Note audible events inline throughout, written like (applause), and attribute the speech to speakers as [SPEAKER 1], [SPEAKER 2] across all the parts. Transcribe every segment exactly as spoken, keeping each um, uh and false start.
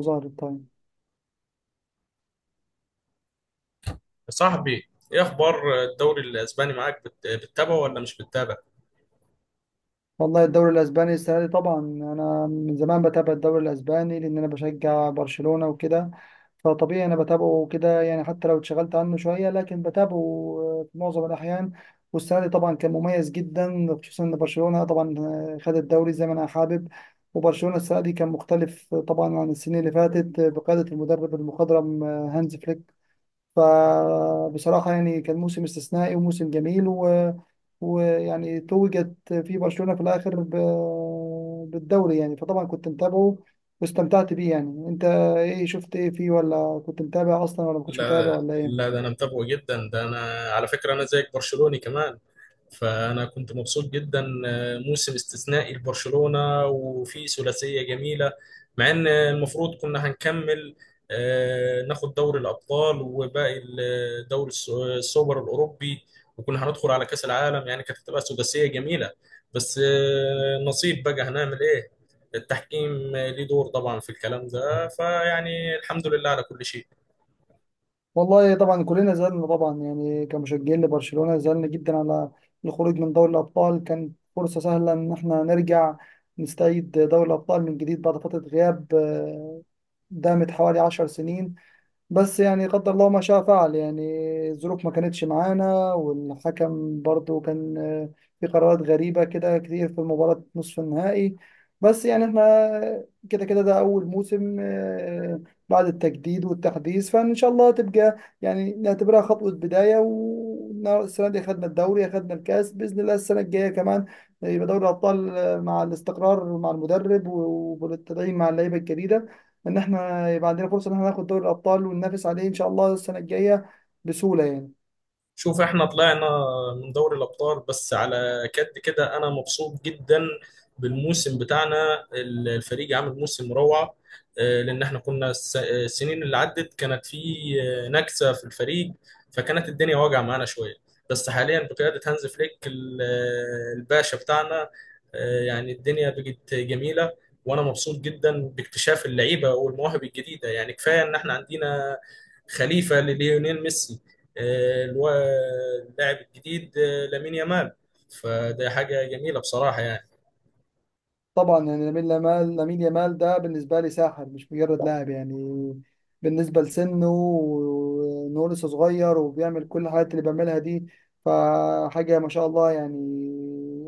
[SPEAKER 1] ظهر التايم.
[SPEAKER 2] صاحبي ايه اخبار الدوري الاسباني معاك بت- بتتابعه ولا مش بتتابع؟
[SPEAKER 1] والله الدوري الاسباني السنه دي طبعا انا من زمان بتابع الدوري الاسباني لان انا بشجع برشلونه وكده. فطبيعي انا بتابعه كده يعني حتى لو اتشغلت عنه شويه لكن بتابعه، آه، في معظم الاحيان. والسنه دي طبعا كان مميز جدا خصوصا ان برشلونه طبعا آه، خد الدوري زي ما انا حابب. وبرشلونه السنه دي كان مختلف طبعا عن السنين اللي فاتت بقياده المدرب المخضرم آه، هانز فليك. فبصراحه يعني كان موسم استثنائي وموسم جميل و ويعني توجت في برشلونة في الآخر ب- بالدوري يعني، فطبعا كنت متابعه واستمتعت بيه يعني. انت ايه شفت ايه فيه، ولا كنت متابع اصلا ولا ما كنتش متابع
[SPEAKER 2] لا
[SPEAKER 1] ولا
[SPEAKER 2] لا
[SPEAKER 1] ايه؟
[SPEAKER 2] ده انا متابعه جدا. ده انا على فكره انا زيك برشلوني كمان. فأنا كنت مبسوط جدا، آه، موسم استثنائي لبرشلونة وفي ثلاثية جميلة مع إن المفروض كنا هنكمل، آه، ناخد دوري الأبطال وباقي ال- آه، دوري الس- السوبر الأوروبي، وكنا هندخل على كأس العالم. يعني كانت هتبقى ثلاثية جميلة، بس آه، نصيب، بقى هنعمل إيه. التحكيم ليه دور طبعا في الكلام ده، فيعني الحمد لله على كل شيء.
[SPEAKER 1] والله طبعا كلنا زعلنا طبعا يعني كمشجعين لبرشلونة، زعلنا جدا على الخروج من دوري الأبطال. كانت فرصة سهلة ان احنا نرجع نستعيد دوري الأبطال من جديد بعد فترة غياب آه، دامت حوالي عشر سنين. بس يعني قدر الله ما شاء فعل، يعني الظروف ما كانتش معانا، والحكم برضو كان آه، في قرارات غريبة كده كتير في مباراة نصف النهائي. بس يعني احنا كده كده، ده أول موسم آه، آه، بعد التجديد والتحديث. فإن شاء الله تبقى يعني نعتبرها خطوة بداية. والسنة دي أخدنا الدوري، أخدنا الكاس، بإذن الله السنة الجاية كمان يبقى دوري الأبطال، آه، مع الاستقرار مع المدرب وبالتدعيم مع اللعيبة الجديدة، ان احنا يبقى عندنا فرصه ان احنا ناخد دوري الابطال وننافس عليه ان شاء الله السنه الجايه بسهوله يعني.
[SPEAKER 2] شوف، احنا طلعنا من دوري الابطال، بس على كد كده انا مبسوط جدا بالموسم بتاعنا. ال- الفريق عامل موسم روعه، آه، لان احنا كنا الس- السنين اللي عدت كانت في، آه، نكسه في الفريق، فكانت الدنيا واجعه معانا شويه. بس حاليا بقياده هانز فليك ال- آه، الباشا بتاعنا، آه، يعني الدنيا بقت جميله. وانا مبسوط جدا باكتشاف اللعيبه والمواهب الجديده، يعني كفايه ان احنا عندنا خليفه لليونيل ميسي، الو- اللاعب الجديد آه، لامين يامال، فده حاجة جميلة بصراحة يعني.
[SPEAKER 1] طبعا يعني لامين يامال، لامين يامال ده بالنسبه لي ساحر، مش مجرد لاعب يعني. بالنسبه لسنه وانه لسه صغير وبيعمل كل الحاجات اللي بيعملها دي، فحاجه ما شاء الله يعني.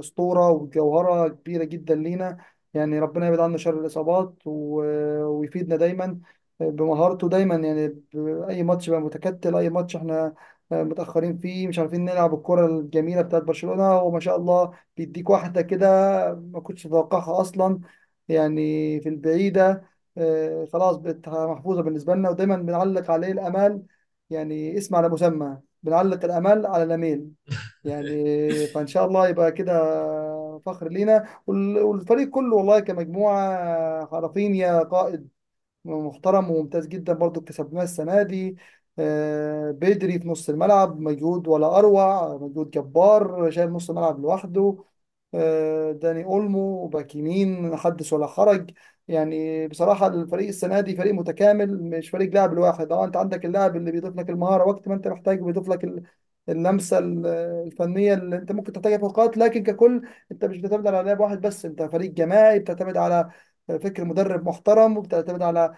[SPEAKER 1] اسطوره وجوهره كبيره جدا لينا، يعني ربنا يبعد عنا شر الاصابات و- ويفيدنا دايما بمهارته دايما. يعني ب- اي ماتش بقى متكتل، اي ماتش احنا متاخرين فيه مش عارفين نلعب الكره الجميله بتاعت برشلونه، وما شاء الله بيديك واحده كده حاجة ما كنتش أتوقعها أصلا. يعني في البعيدة آه، خلاص بقت محفوظة بالنسبة لنا، ودايما بنعلق عليه الآمال، يعني اسم على مسمى بنعلق الآمال على الأميل يعني.
[SPEAKER 2] (laughs)
[SPEAKER 1] فإن شاء الله يبقى كده فخر لينا وال- والفريق كله والله، كمجموعة. رافينيا قائد محترم وممتاز جدا برضو، اكتسبناه السنة دي. آه، بدري في نص الملعب، مجهود ولا أروع، مجهود جبار شايل نص الملعب لوحده. آه، داني أولمو باك يمين، حدث ولا حرج. يعني بصراحة الفريق السنة دي فريق متكامل، مش فريق لاعب الواحد. اه انت عندك اللاعب اللي بيضيف لك المهارة وقت ما انت محتاج، بيضيف لك ال- اللمسة ال- الفنية اللي انت ممكن تحتاجها في اوقات. لكن ككل انت مش بتعتمد على لاعب واحد بس، انت فريق جماعي بتعتمد على فكر مدرب محترم، وبتعتمد على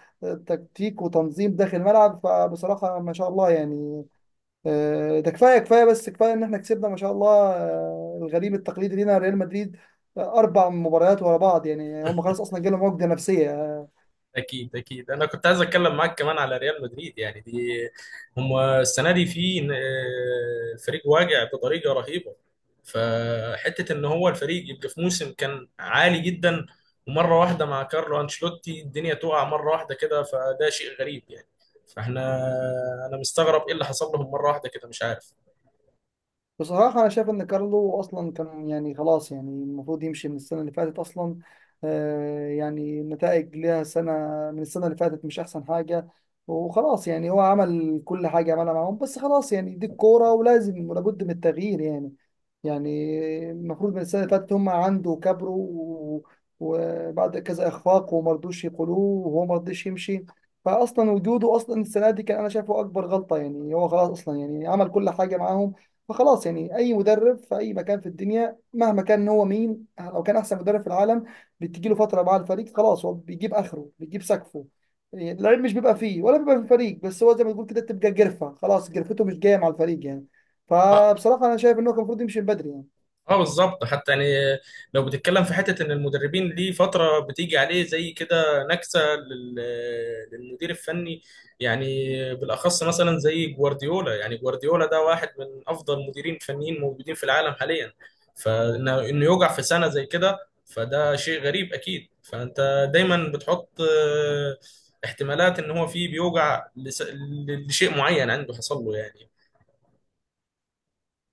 [SPEAKER 1] تكتيك وتنظيم داخل الملعب. فبصراحة ما شاء الله يعني. آه، ده كفاية كفاية، بس كفاية إن إحنا كسبنا ما شاء الله آه، الغريم التقليدي لينا ريال مدريد، آه، أربع مباريات ورا بعض. يعني هم خلاص أصلا جالهم عقدة نفسية آه،
[SPEAKER 2] أكيد أكيد، أنا كنت عايز أتكلم معاك كمان على ريال مدريد. يعني دي، هم السنة دي في، آه، فريق واجع بطريقة رهيبة. فحتة إن هو الفريق يبقى في موسم كان عالي جدا، ومرة واحدة مع كارلو أنشيلوتي الدنيا تقع مرة واحدة كده، فده شيء غريب يعني. فاحنا، أنا مستغرب إيه اللي حصل لهم مرة واحدة كده، مش عارف.
[SPEAKER 1] بصراحة. أنا شايف إن كارلو أصلا كان يعني خلاص، يعني المفروض يمشي من السنة اللي فاتت أصلا. آه يعني النتائج ليها سنة، من السنة اللي فاتت مش أحسن حاجة. وخلاص يعني هو عمل كل حاجة عملها معاهم، بس خلاص يعني دي الكورة ولازم ولابد من التغيير يعني. يعني المفروض من السنة اللي فاتت، هم عنده كبروا و- وبعد كذا إخفاق، وما رضوش يقولوه وهو ما رضيش يمشي. فأصلا وجوده أصلا السنة دي كان أنا شايفه أكبر غلطة، يعني هو خلاص أصلا يعني عمل كل حاجة معاهم. فخلاص يعني اي مدرب في اي مكان في الدنيا مهما كان هو مين، او كان احسن مدرب في العالم، بتجي له فتره مع الفريق، خلاص هو بيجيب اخره، بيجيب سقفه يعني. اللعيب مش بيبقى فيه ولا بيبقى في الفريق بس، هو زي ما تقول كده بتبقى جرفه، خلاص جرفته مش جايه مع الفريق يعني. فبصراحه انا شايف ان هو كان المفروض يمشي من بدري يعني.
[SPEAKER 2] اه، بالظبط. حتى يعني، لو بتتكلم في حته ان المدربين ليه فتره بتيجي عليه زي كده نكسه لل- للمدير الفني يعني، بالاخص مثلا زي جوارديولا. يعني جوارديولا ده واحد من افضل مديرين فنيين موجودين في العالم حاليا، فانه انه يوجع في سنه زي كده، فده شيء غريب اكيد. فانت دايما بتحط آه، احتمالات ان هو فيه بيوجع لس- لشيء معين عنده حصل له يعني.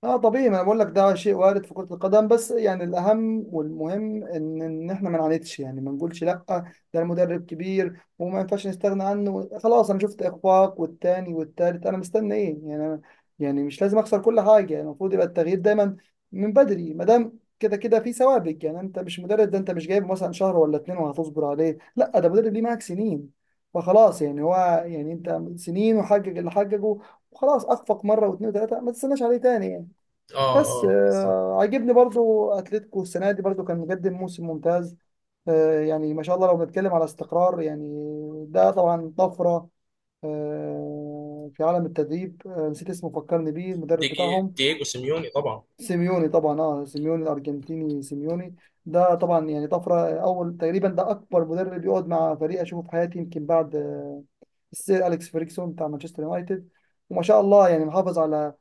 [SPEAKER 1] اه، طبيعي، ما انا بقول لك ده شيء وارد في كرة القدم. بس يعني الاهم والمهم ان ان احنا ما نعاندش، يعني ما نقولش لا ده المدرب كبير وما ينفعش نستغنى عنه. خلاص انا شفت اخفاق والتاني والتالت، انا مستني ايه يعني؟ أنا يعني مش لازم اخسر كل حاجة. يعني المفروض يبقى التغيير دايما من بدري ما دام كده كده في سوابق. يعني انت مش مدرب، ده انت مش جايب مثلا شهر ولا اتنين وهتصبر عليه، لا ده مدرب ليه معاك سنين. فخلاص يعني هو، يعني انت سنين وحقق اللي حققه، وخلاص اخفق مره واثنين وثلاثه، ما تستناش عليه تاني يعني.
[SPEAKER 2] اه
[SPEAKER 1] بس
[SPEAKER 2] اه بالظبط.
[SPEAKER 1] آه، عاجبني برضو اتلتيكو السنه دي، برضو كان مقدم موسم ممتاز. آه، يعني ما شاء الله لو بنتكلم على استقرار يعني، ده طبعا طفره آه، في عالم التدريب. آه، نسيت اسمه، فكرني بيه المدرب
[SPEAKER 2] ديجي-
[SPEAKER 1] بتاعهم.
[SPEAKER 2] دييجو سيميوني طبعا.
[SPEAKER 1] سيميوني طبعا، اه سيميوني الارجنتيني، سيميوني. ده طبعا يعني طفره، اول تقريبا، ده اكبر مدرب يقعد مع فريق اشوفه في حياتي، يمكن بعد آه، السير اليكس فيرجسون بتاع مانشستر يونايتد. وما شاء الله يعني محافظ على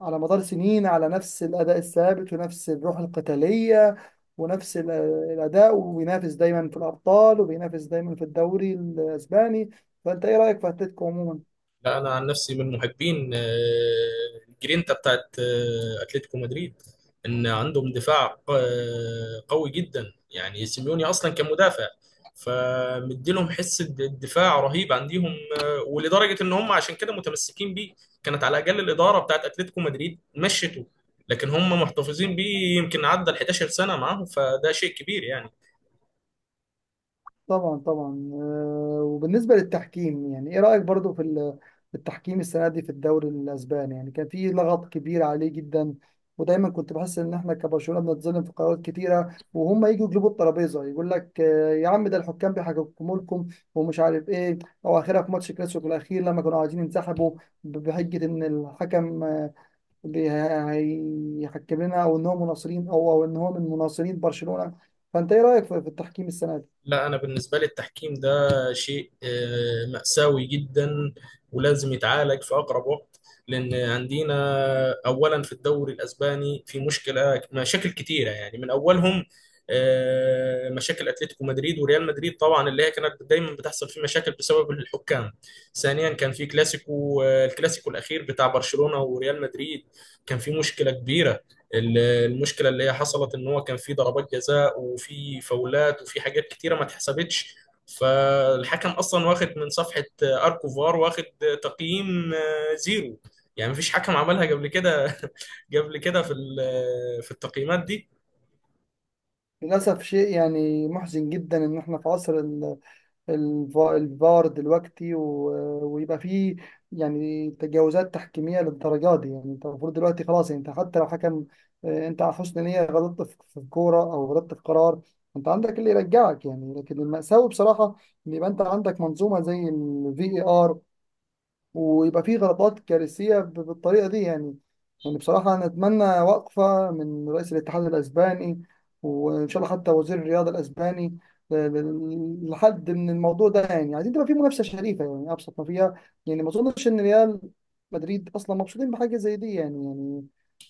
[SPEAKER 1] على مدار سنين على نفس الأداء الثابت، ونفس الروح القتالية، ونفس ال- الأداء، وبينافس دايما في الأبطال، وبينافس دايما في الدوري الأسباني. فأنت إيه رأيك في أتلتيكو عموما؟
[SPEAKER 2] لا انا عن نفسي من محبين آه، الجرينتا بتاعت آه، اتلتيكو مدريد، ان عندهم دفاع آه، قوي جدا. يعني سيميوني اصلا كان مدافع، فمديلهم حس الد- الدفاع رهيب عندهم، آه، ولدرجه ان هم عشان كده متمسكين بيه. كانت على الاقل الاداره بتاعت اتلتيكو مدريد مشته، لكن هم محتفظين بيه يمكن عدى ال احدعشر سنه معاهم، فده شيء كبير يعني.
[SPEAKER 1] طبعا طبعا، آه، وبالنسبة للتحكيم، يعني ايه رأيك برضو في ال- في التحكيم السنة دي في الدوري الأسباني؟ يعني كان في لغط كبير عليه جدا. ودايما كنت بحس ان احنا كبرشلونة بنتظلم في قرارات كتيرة، وهم يجوا يجلبوا الترابيزة يقول لك آه، يا عم، ده الحكام بيحكموا لكم، ومش عارف ايه. او اخرها في ماتش كلاسيكو الاخير لما كانوا عايزين ينسحبوا ب- بحجة ان الحكم آه، بي- هيحكم لنا، او ان هو مناصرين، او او ان هو من مناصرين برشلونة. فانت ايه رأيك في في التحكيم السنة دي؟
[SPEAKER 2] لا أنا بالنسبة لي التحكيم ده شيء آه، مأساوي جدا، ولازم يتعالج في أقرب وقت. لأن عندنا أولا في الدوري الأسباني في مشكلة، مشاكل كتيرة، يعني من أولهم آه، مشاكل أتلتيكو مدريد وريال مدريد، طبعا اللي هي كانت دايما بتحصل فيه مشاكل بسبب الحكام. ثانيا كان في كلاسيكو، آه، الكلاسيكو الأخير بتاع برشلونة وريال مدريد، كان في مشكلة كبيرة. المشكله اللي هي حصلت ان هو كان في ضربات جزاء وفي فاولات وفي حاجات كتيره ما اتحسبتش، فالحكم اصلا واخد من صفحه اركوفار واخد تقييم آه، زيرو. يعني مفيش حكم عملها قبل كده، قبل كده في ال- في التقييمات دي.
[SPEAKER 1] للأسف شيء يعني محزن جدا، إن إحنا في عصر ال- الف- الفار دلوقتي، و- ويبقى فيه يعني تجاوزات تحكيمية للدرجات دي. يعني أنت المفروض دلوقتي خلاص، يعني أنت حتى لو حكم آه، أنت على حسن نية غلطت في في كورة أو غلطت في قرار، أنت عندك اللي يرجعك يعني. لكن المأساوي بصراحة إن يبقى أنت عندك منظومة زي الفي اي ار، ويبقى فيه غلطات كارثية ب- بالطريقة دي يعني. يعني بصراحة أنا أتمنى وقفة من رئيس الاتحاد الأسباني، وإن شاء الله حتى وزير الرياضة الأسباني، ل- ل- لحد من الموضوع ده. يعني عايزين تبقى فيه منافسة شريفة، يعني أبسط ما فيها. يعني ما أظنش إن ريال مدريد أصلا مبسوطين بحاجة زي دي يعني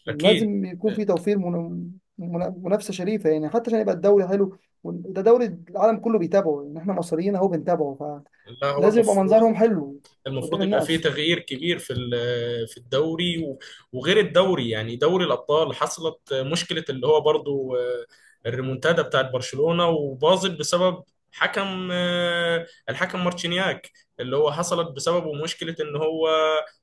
[SPEAKER 1] يعني
[SPEAKER 2] اكيد.
[SPEAKER 1] لازم يكون في توفير من- من- منافسة شريفة، يعني حتى عشان يبقى الدوري حلو. وده دوري العالم كله بيتابعه، يعني إحنا مصريين أهو بنتابعه،
[SPEAKER 2] لا هو
[SPEAKER 1] فلازم يبقى
[SPEAKER 2] المفروض،
[SPEAKER 1] منظرهم حلو قدام
[SPEAKER 2] المفروض يبقى فيه
[SPEAKER 1] الناس.
[SPEAKER 2] تغيير كبير في ال- في الدوري، و- وغير الدوري يعني دوري الأبطال حصلت مشكلة، اللي هو برضو آه، الريمونتادا بتاعت برشلونة وباظت بسبب حكم، آه، الحكم مارتشينياك. اللي هو حصلت بسببه مشكلة ان هو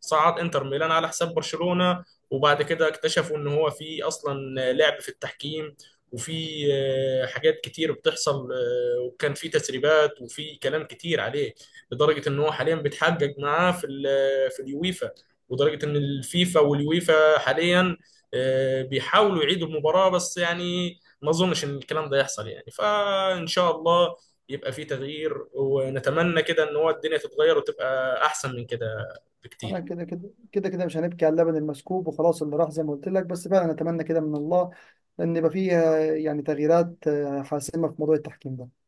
[SPEAKER 2] صعد انتر ميلان على حساب برشلونة، وبعد كده اكتشفوا ان هو في اصلا لعب في التحكيم، وفي آه، حاجات كتير بتحصل. آه، وكان في تسريبات وفي كلام كتير عليه، لدرجه ان هو حاليا بيتحجج معاه في ال- في اليويفا. ودرجه ان الفيفا واليويفا حاليا آه، بيحاولوا يعيدوا المباراه، بس يعني ما اظنش ان الكلام ده يحصل يعني. فان شاء الله يبقى في تغيير، ونتمنى كده ان هو الدنيا تتغير وتبقى احسن من كده
[SPEAKER 1] انا
[SPEAKER 2] بكتير.
[SPEAKER 1] كده كده كده كده مش هنبكي على اللبن المسكوب، وخلاص اللي راح زي ما قلت لك. بس فعلا اتمنى كده من الله ان يبقى فيه آه، يعني تغييرات آه، حاسمه في موضوع التحكيم ده.